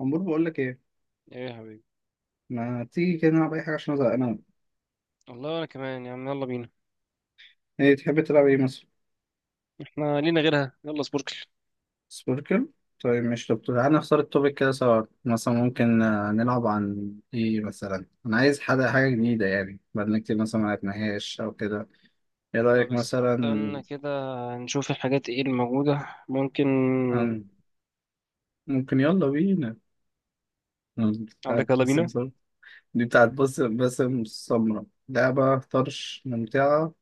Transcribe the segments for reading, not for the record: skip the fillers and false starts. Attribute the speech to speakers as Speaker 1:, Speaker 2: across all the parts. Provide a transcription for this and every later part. Speaker 1: عمور، بقول لك ايه؟
Speaker 2: ايه يا حبيبي.
Speaker 1: ما تيجي كده نلعب اي حاجه عشان ازهق انا؟
Speaker 2: والله انا كمان يا عم، يلا بينا.
Speaker 1: ايه تحب تلعب ايه مثلا؟
Speaker 2: احنا لينا غيرها، يلا سبوركل.
Speaker 1: سبوركل. طيب مش طب تعالى نختار التوبيك كده سوا، مثلا ممكن نلعب عن ايه مثلا؟ انا عايز حاجه جديده، يعني بقالنا كتير مثلا ما لعبناهاش او كده. ايه
Speaker 2: طب
Speaker 1: رايك مثلا؟
Speaker 2: استنى كده، نشوف الحاجات ايه الموجودة ممكن
Speaker 1: عن- ممكن، يلا بينا.
Speaker 2: عندك.
Speaker 1: بتاعت
Speaker 2: يلا
Speaker 1: باسم
Speaker 2: بينا.
Speaker 1: سمرة. دي بتاعت باسم سمرة، لعبة طرش ممتعة.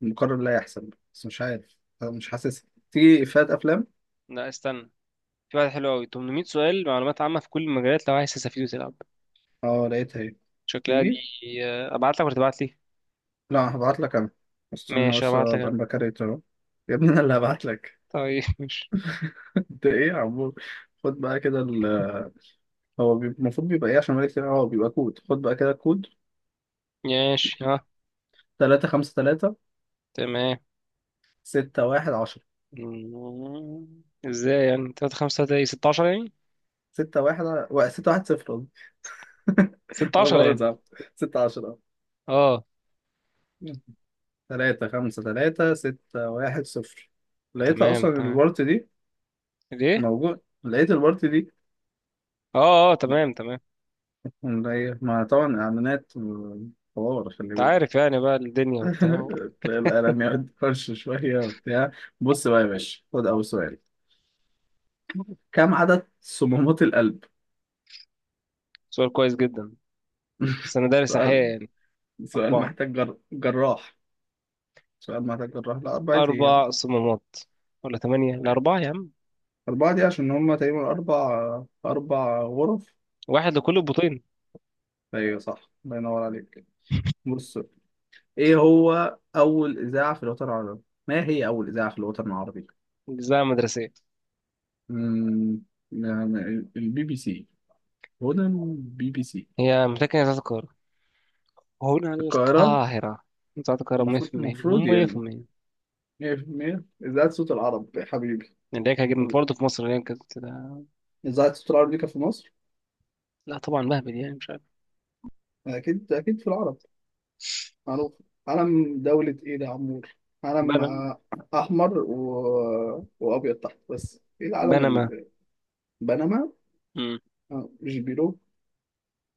Speaker 1: مقرر لا يحسب بس مش عارف. أنا مش حاسسها، تيجي إفيهات أفلام؟
Speaker 2: لا استنى، في واحد حلو قوي، 800 سؤال معلومات عامة في كل المجالات لو عايز تستفيد وتلعب.
Speaker 1: اه، لقيتها اهي.
Speaker 2: شكلها دي.
Speaker 1: تيجي.
Speaker 2: ابعت لك ولا تبعت لي؟
Speaker 1: لا، هبعت لك انا. استنى
Speaker 2: ماشي
Speaker 1: بس
Speaker 2: ابعت لك
Speaker 1: ابقى
Speaker 2: انا.
Speaker 1: بكريت اهو. يا ابني انا اللي هبعت لك.
Speaker 2: طيب ماشي.
Speaker 1: انت ايه يا عمو؟ خد بقى كده هو المفروض بيبقى ايه عشان مالك كتير. هو بيبقى كود، خد بقى كده كود.
Speaker 2: ماشي، ها.
Speaker 1: 3 5 3
Speaker 2: تمام.
Speaker 1: 6 1 10
Speaker 2: ازاي يعني 3 5 3؟ ايه 16 يعني؟
Speaker 1: 6 1 6 1 0 قصدي. انا
Speaker 2: 16
Speaker 1: باخد
Speaker 2: يعني.
Speaker 1: صعب. 6 10
Speaker 2: اه
Speaker 1: 3 5 3 6 1 0. لقيتها
Speaker 2: تمام
Speaker 1: اصلا،
Speaker 2: تمام.
Speaker 1: الورت دي
Speaker 2: ليه؟
Speaker 1: موجود. لقيت الورت دي
Speaker 2: اه اه تمام تمام.
Speaker 1: ما طبعا اعلانات حوار، خلي
Speaker 2: انت
Speaker 1: بالك.
Speaker 2: عارف يعني بقى الدنيا وبتاع.
Speaker 1: تلاقي القلم يقعد فرش شوية وبتاع. بص بقى يا باشا، خد أول سؤال. كم عدد صمامات القلب؟
Speaker 2: سؤال كويس جدا، بس انا دارس احياء
Speaker 1: سؤال.
Speaker 2: يعني.
Speaker 1: سؤال
Speaker 2: اربعة.
Speaker 1: محتاج جراح. سؤال محتاج جراح، لا 4 أيام.
Speaker 2: اربع صمامات ولا ثمانية؟ الاربعة يا عم،
Speaker 1: أربعة دي عشان هما تقريبا أربع غرف.
Speaker 2: واحد لكل البطين.
Speaker 1: أيوة صح، الله ينور عليك. بص. إيه هو أول إذاعة في الوطن العربي؟ ما هي أول إذاعة في الوطن العربي؟
Speaker 2: اجزاء مدرسية.
Speaker 1: أمم، يعني البي بي سي. هدى البي بي سي.
Speaker 2: هي متكنة بتاعت القاهرة، هنا
Speaker 1: القاهرة.
Speaker 2: القاهرة. بتاعت القاهرة
Speaker 1: المفروض
Speaker 2: 100%
Speaker 1: المفروض يعني
Speaker 2: 100%.
Speaker 1: 100% إذاعة صوت العرب يا حبيبي.
Speaker 2: اللي هي كانت برضه في مصر، اللي هي كانت.
Speaker 1: إذاعة صوت العرب دي كانت في مصر.
Speaker 2: لا طبعا مهبل يعني مش عارف.
Speaker 1: أكيد أكيد في العرب. معروف. علم دولة إيه ده يا عمور؟ علم
Speaker 2: بنما.
Speaker 1: أحمر وأبيض تحت، بس إيه العلم
Speaker 2: بنما.
Speaker 1: بنما؟
Speaker 2: مم.
Speaker 1: مش بيرو.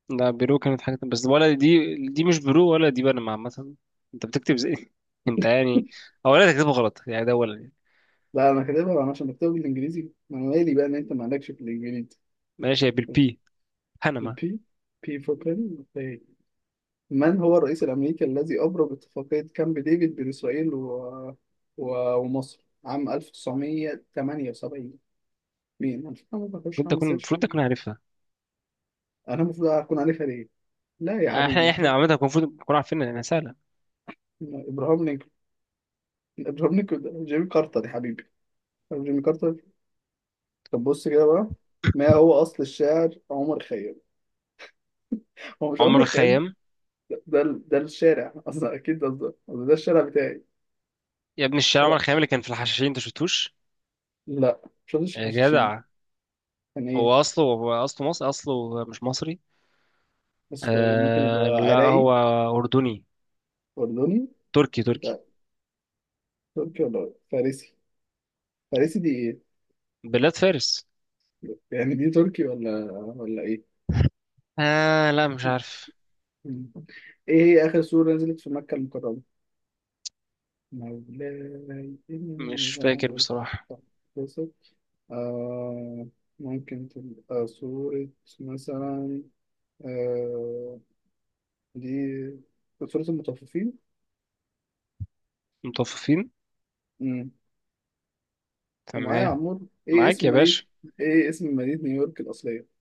Speaker 2: لا بيرو كانت حاجة بس، ولا دي مش بيرو، ولا دي بنما عامة. انت بتكتب زي انت يعني، اولا تكتبه غلط يعني ده اولا يعني.
Speaker 1: لا، أنا كاتبها أنا، عشان بكتبها بالإنجليزي. ما أنا مالي بقى إن أنت مالكش في الإنجليزي.
Speaker 2: ماشي هي بالبي. بنما.
Speaker 1: البي. بي فور بن. من هو الرئيس الأمريكي الذي أبرم اتفاقية كامب ديفيد بين إسرائيل و... ومصر عام 1978؟ مين؟ أنا ما بخش
Speaker 2: المفروض
Speaker 1: أعمل
Speaker 2: اكون،
Speaker 1: سيرش.
Speaker 2: المفروض اكون عارفها.
Speaker 1: أنا المفروض أكون عارفها ليه؟ لا يا
Speaker 2: احنا
Speaker 1: حبيبي،
Speaker 2: احنا
Speaker 1: طب.
Speaker 2: عامه كنا المفروض نكون عارفين انها سهله.
Speaker 1: ما إبراهام لينكولن. إبراهام لينكولن ده جيمي كارتر يا حبيبي. طب جيمي كارتر. طب بص كده بقى. ما هو أصل الشاعر عمر خيام؟ هو مش
Speaker 2: عمر
Speaker 1: عمر خيام.
Speaker 2: الخيام.
Speaker 1: ده الشارع أصلا، أكيد ده الشارع بتاعي.
Speaker 2: يا ابن الشارع، عمر
Speaker 1: شارع.
Speaker 2: الخيام اللي كان في الحشاشين، انت شفتوش؟
Speaker 1: لا، مش قصدي
Speaker 2: يا
Speaker 1: الحشاشين.
Speaker 2: جدع،
Speaker 1: كان إيه؟
Speaker 2: هو اصله مصري؟ اصله مش مصري.
Speaker 1: أصله إيه؟ ممكن يبقى
Speaker 2: آه لا
Speaker 1: عراقي.
Speaker 2: هو اردني.
Speaker 1: أردني.
Speaker 2: تركي تركي.
Speaker 1: لا. تركي ولا فارسي. فارسي دي إيه؟
Speaker 2: بلاد فارس.
Speaker 1: يعني دي تركي ولا إيه؟
Speaker 2: آه لا مش عارف.
Speaker 1: مم. ايه هي اخر سورة نزلت في مكة المكرمة؟ مولاي
Speaker 2: مش
Speaker 1: إني
Speaker 2: فاكر
Speaker 1: لا
Speaker 2: بصراحه.
Speaker 1: أتبسط. آه. ممكن تبقى سورة مثلا. آه. دي سورة المطففين.
Speaker 2: متوففين.
Speaker 1: مم. انت معايا يا
Speaker 2: تمام.
Speaker 1: عمور؟
Speaker 2: معاك يا باشا.
Speaker 1: ايه اسم مدينة نيويورك الأصلية؟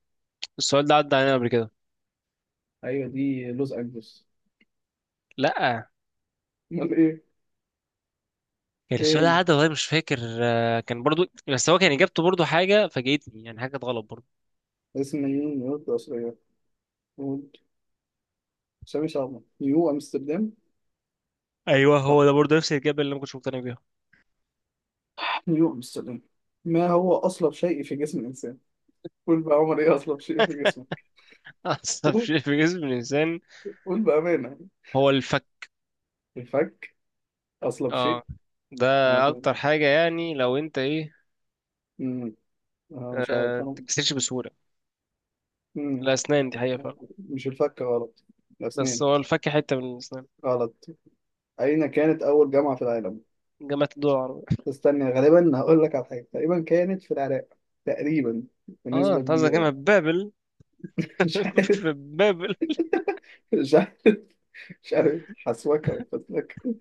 Speaker 2: السؤال ده عدى علينا قبل كده.
Speaker 1: ايوه، دي لوس أنجلوس.
Speaker 2: لا،
Speaker 1: امال ايه؟
Speaker 2: كان السؤال ده
Speaker 1: ايه
Speaker 2: عدى والله، مش فاكر، كان برضو، بس هو كان اجابته برضو حاجه فاجئتني يعني، حاجه غلط برضو.
Speaker 1: هي؟ اسم مدينة نيويورك الأصلية. قول. سامي شعبان، نيو أمستردام.
Speaker 2: ايوه
Speaker 1: صح.
Speaker 2: هو ده برضه نفس الاجابه اللي انا ما كنتش مقتنع بيها.
Speaker 1: نيوتن السلام. ما هو أصلب شيء في جسم الإنسان؟ قول بقى يا عمر، إيه أصلب شيء في جسمك؟
Speaker 2: أعصب
Speaker 1: قول.
Speaker 2: شيء في جسم الإنسان
Speaker 1: قول بأمانة.
Speaker 2: هو الفك.
Speaker 1: الفك. أصلب
Speaker 2: اه
Speaker 1: شيء.
Speaker 2: ده
Speaker 1: أنا فاهم.
Speaker 2: أكتر حاجة يعني، لو أنت إيه،
Speaker 1: أمم، أنا مش
Speaker 2: ما
Speaker 1: عارف أنا.
Speaker 2: بتتكسرش بسهولة.
Speaker 1: أمم،
Speaker 2: الأسنان دي حقيقة فعلا،
Speaker 1: مش الفك غلط.
Speaker 2: بس
Speaker 1: الأسنان.
Speaker 2: هو الفك حتة من الأسنان.
Speaker 1: غلط. أين كانت أول جامعة في العالم؟
Speaker 2: جامعة الدول العربية.
Speaker 1: استنى، غالبا هقول لك على حاجة، تقريبا كانت في العراق. تقريبا.
Speaker 2: اه
Speaker 1: بنسبة
Speaker 2: أنت قصدك
Speaker 1: كبيرة
Speaker 2: جامعة
Speaker 1: يعني.
Speaker 2: بابل.
Speaker 1: مش عارف.
Speaker 2: في بابل.
Speaker 1: مش عارف. مش عارف حسوكة ولا فتلكة.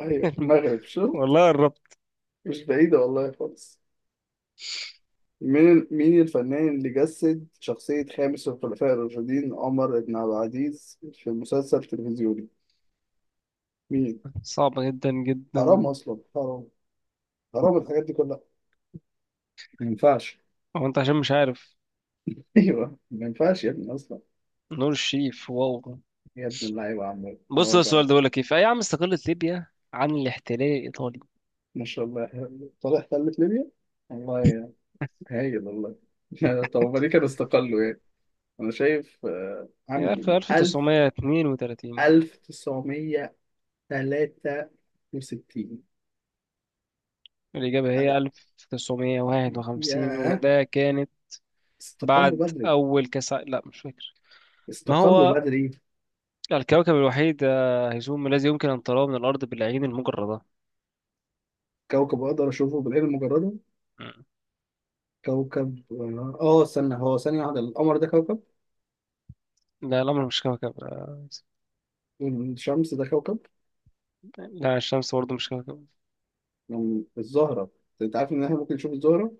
Speaker 1: أيوة المغرب، شفت.
Speaker 2: والله قربت.
Speaker 1: مش بعيدة والله خالص. مين الفنان اللي جسد شخصية خامس الخلفاء الراشدين عمر بن عبد العزيز في مسلسل تلفزيوني؟ مين؟
Speaker 2: صعبة جدا
Speaker 1: حرام
Speaker 2: جدا.
Speaker 1: أصلا، حرام. حرام الحاجات دي كلها. ما ينفعش.
Speaker 2: هو أنت عشان مش عارف.
Speaker 1: أيوه، ما ينفعش يا ابني أصلا.
Speaker 2: نور الشريف، واو.
Speaker 1: يا ابن اللعيبة يا عم،
Speaker 2: بص
Speaker 1: نور
Speaker 2: ده السؤال
Speaker 1: بقى.
Speaker 2: ده بيقول لك إيه، في أي عام استقلت ليبيا عن الاحتلال الإيطالي؟
Speaker 1: ما شاء الله يا حبيبي. طالع تلت ليبيا؟ والله يا. هايل والله. طب هما ليه كانوا استقلوا يعني؟ أنا شايف
Speaker 2: عارف،
Speaker 1: عام 1000.
Speaker 2: 1932.
Speaker 1: 1963.
Speaker 2: الإجابة هي 1951،
Speaker 1: ياه،
Speaker 2: وده كانت
Speaker 1: استقلوا
Speaker 2: بعد
Speaker 1: بدري.
Speaker 2: أول كاس ع- لا مش فاكر. ما
Speaker 1: استقلوا
Speaker 2: هو
Speaker 1: بدري.
Speaker 2: الكوكب الوحيد هيزوم الذي يمكن أن تراه من الأرض بالعين المجردة؟
Speaker 1: كوكب اقدر اشوفه بالعين المجرده.
Speaker 2: مم.
Speaker 1: كوكب استنى، هو ثانيه واحده، القمر ده كوكب؟
Speaker 2: لا القمر مش كوكب.
Speaker 1: والشمس ده كوكب؟
Speaker 2: لا الشمس برضه مش كوكب.
Speaker 1: الزهره. انت عارف ان احنا ممكن نشوف الزهره.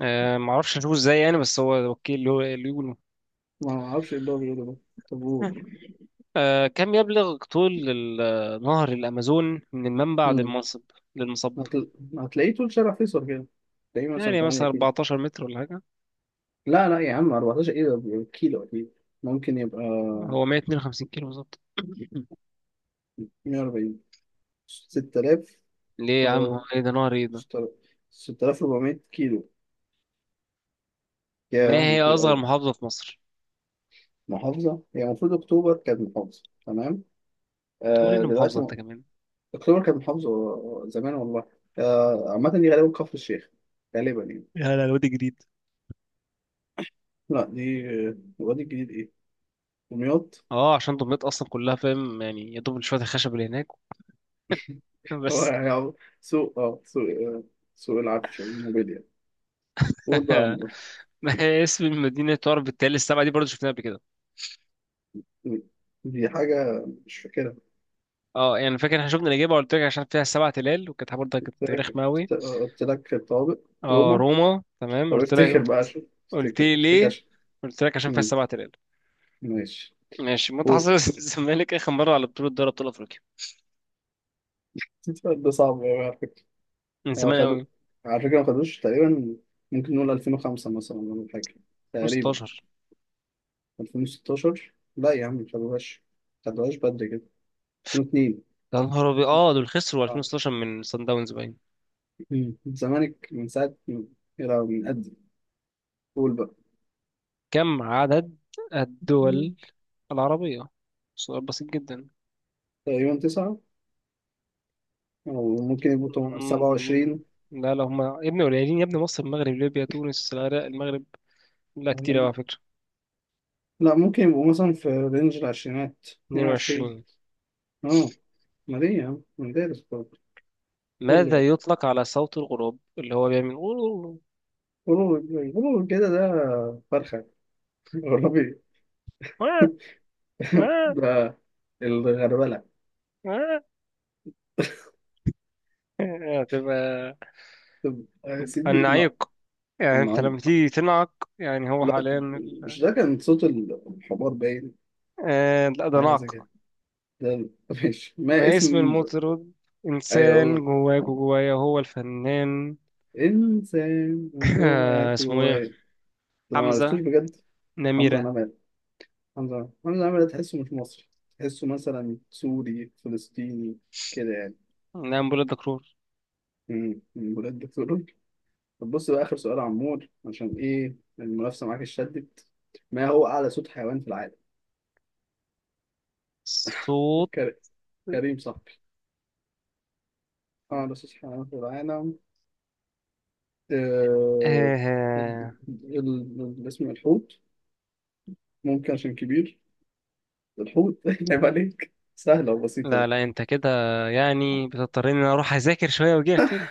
Speaker 2: معرفش أشوفه إزاي يعني، بس هو أوكي اللي هو اللي يقوله.
Speaker 1: ما اعرفش ايه اللي هو بيقوله ده. طب قول.
Speaker 2: كم يبلغ طول نهر الأمازون من المنبع
Speaker 1: أمم،
Speaker 2: للمصب؟ للمصب.
Speaker 1: هتل... هتلاقيه طول شارع فيصل كده. تلاقيه مثلا
Speaker 2: يعني
Speaker 1: 8
Speaker 2: مثلا
Speaker 1: كيلو.
Speaker 2: 14 متر ولا حاجة؟
Speaker 1: لا لا يا عم، 14 ايه؟ ده كيلو اكيد. ممكن يبقى
Speaker 2: هو 152 كيلو بالظبط.
Speaker 1: 140. 6000.
Speaker 2: ليه يا عم،
Speaker 1: آه،
Speaker 2: هو ايه ده نهر ايه ده؟
Speaker 1: 6000. 6400 كيلو.
Speaker 2: ما
Speaker 1: يا
Speaker 2: هي
Speaker 1: طويل
Speaker 2: اصغر
Speaker 1: قوي.
Speaker 2: محافظة في مصر؟
Speaker 1: محافظة، هي المفروض أكتوبر كانت محافظة تمام.
Speaker 2: تقول ايه
Speaker 1: آه
Speaker 2: المحافظة
Speaker 1: دلوقتي
Speaker 2: انت كمان؟
Speaker 1: أكتوبر كانت محافظة زمان والله. آه عامة دي غالبا كفر الشيخ. غالبا يعني.
Speaker 2: يا لا وادي جديد.
Speaker 1: لا، دي الوادي الجديد إيه. دمياط.
Speaker 2: اه عشان دمياط اصلا كلها فاهم يعني، يا دوب شوية الخشب اللي هناك.
Speaker 1: هو
Speaker 2: بس.
Speaker 1: يعني سوق اه سوق آه، سوق العفش، الموبيليا. قول بقى يا عمور.
Speaker 2: ما هي اسم المدينة تعرف بالتلال السبعة؟ دي برضه شفناها قبل كده.
Speaker 1: دي حاجة مش فاكرها.
Speaker 2: اه يعني فاكر احنا شفنا الإجابة، قلت لك عشان فيها سبع تلال وكانت برضه
Speaker 1: قلت
Speaker 2: كانت
Speaker 1: لك.
Speaker 2: رخمة أوي.
Speaker 1: قلت لك الطوابق.
Speaker 2: اه
Speaker 1: روما.
Speaker 2: روما، تمام
Speaker 1: طب
Speaker 2: قلت
Speaker 1: افتكر
Speaker 2: لك.
Speaker 1: بقى، عشان
Speaker 2: قلت
Speaker 1: افتكر
Speaker 2: لي
Speaker 1: افتكر
Speaker 2: ليه؟
Speaker 1: عشان.
Speaker 2: قلت لك عشان فيها
Speaker 1: مم،
Speaker 2: سبع تلال.
Speaker 1: ماشي.
Speaker 2: ماشي. متى
Speaker 1: قول.
Speaker 2: حصل الزمالك آخر مرة على بطولة دوري أبطال أفريقيا؟
Speaker 1: ده صعب أوي على فكرة.
Speaker 2: من
Speaker 1: هو
Speaker 2: زمان
Speaker 1: خدوا،
Speaker 2: أوي.
Speaker 1: على فكرة ما خدوش تقريبا. ممكن نقول 2005 مثلا، ولا حاجة. تقريبا.
Speaker 2: 2016.
Speaker 1: 2016 لا يا عم، ما خدوهاش. ما خدوهاش بدري كده. 2002.
Speaker 2: يا نهار أبيض، اه دول خسروا
Speaker 1: آه.
Speaker 2: 2016 من صن داونز باين.
Speaker 1: مم. الزمالك من ساعة. يلا من قد. قول بقى.
Speaker 2: كم عدد
Speaker 1: مم.
Speaker 2: الدول العربية؟ سؤال بسيط جدا.
Speaker 1: تقريبا تسعة. أو ممكن يبقوا
Speaker 2: مم.
Speaker 1: 27.
Speaker 2: لا لا هما يا ابني قليلين، يا ابني مصر المغرب ليبيا تونس العراق المغرب. لا كتير أوي على فكرة.
Speaker 1: لا، ممكن يبقوا مثلا في رينج العشرينات، 22.
Speaker 2: 22.
Speaker 1: اه. ما ليه يا عم، مدارس برضه. قول لي بقى.
Speaker 2: ماذا يطلق على صوت الغراب اللي هو بيعمل؟
Speaker 1: قولوا. قولوا كده، ده فرخة. والله. ده الغربلة.
Speaker 2: هتبقى
Speaker 1: طب يا سيدي
Speaker 2: النعيق. يعني انت لما
Speaker 1: النعيق.
Speaker 2: تيجي تنعق، يعني هو
Speaker 1: لا،
Speaker 2: حاليا
Speaker 1: مش
Speaker 2: ال-
Speaker 1: ده كان صوت الحمار باين.
Speaker 2: لا ده
Speaker 1: حاجة زي كده.
Speaker 2: نعق.
Speaker 1: ده ماشي. ما
Speaker 2: ما
Speaker 1: اسم.
Speaker 2: اسم المطرب
Speaker 1: أيوة قول.
Speaker 2: إنسان جواك وجوايا، هو الفنان؟
Speaker 1: إنسان جوه
Speaker 2: اسمه
Speaker 1: جواه.
Speaker 2: إيه؟
Speaker 1: أنا ما
Speaker 2: حمزة
Speaker 1: عرفتوش بجد. حمزة
Speaker 2: نميرة.
Speaker 1: نمرة. حمزة نمرة حمزة نمرة، تحسه مش مصري. تحسه مثلا سوري فلسطيني، كده يعني.
Speaker 2: نعم، بولاد دكرور.
Speaker 1: من بلاد بتقول. طب بص بقى آخر سؤال يا عمور، عشان إيه المنافسة معاك اتشدت. ما هو أعلى صوت حيوان في العالم؟
Speaker 2: صوت
Speaker 1: كريم صاحبي. أعلى أساس حيوانات العالم. آه،
Speaker 2: آه...
Speaker 1: ال-
Speaker 2: آه.
Speaker 1: الاسم الحوت. ممكن عشان كبير. الحوت. عيب عليك، سهلة وبسيطة.
Speaker 2: لا لا أنت كده، يعني بتضطرني إن أنا أروح أذاكر شوية وأجيلك تاني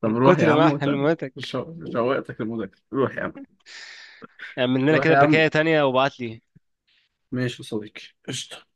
Speaker 1: طب
Speaker 2: من
Speaker 1: روح يا
Speaker 2: كتر
Speaker 1: عم
Speaker 2: ما
Speaker 1: وتعالى.
Speaker 2: معلوماتك.
Speaker 1: شوقتك المذاكرة، روح يا عم.
Speaker 2: اعمل لنا
Speaker 1: روح
Speaker 2: كده
Speaker 1: يا عم.
Speaker 2: بكاية تانية وابعت لي.
Speaker 1: ماشي يا صديقي. قشطة.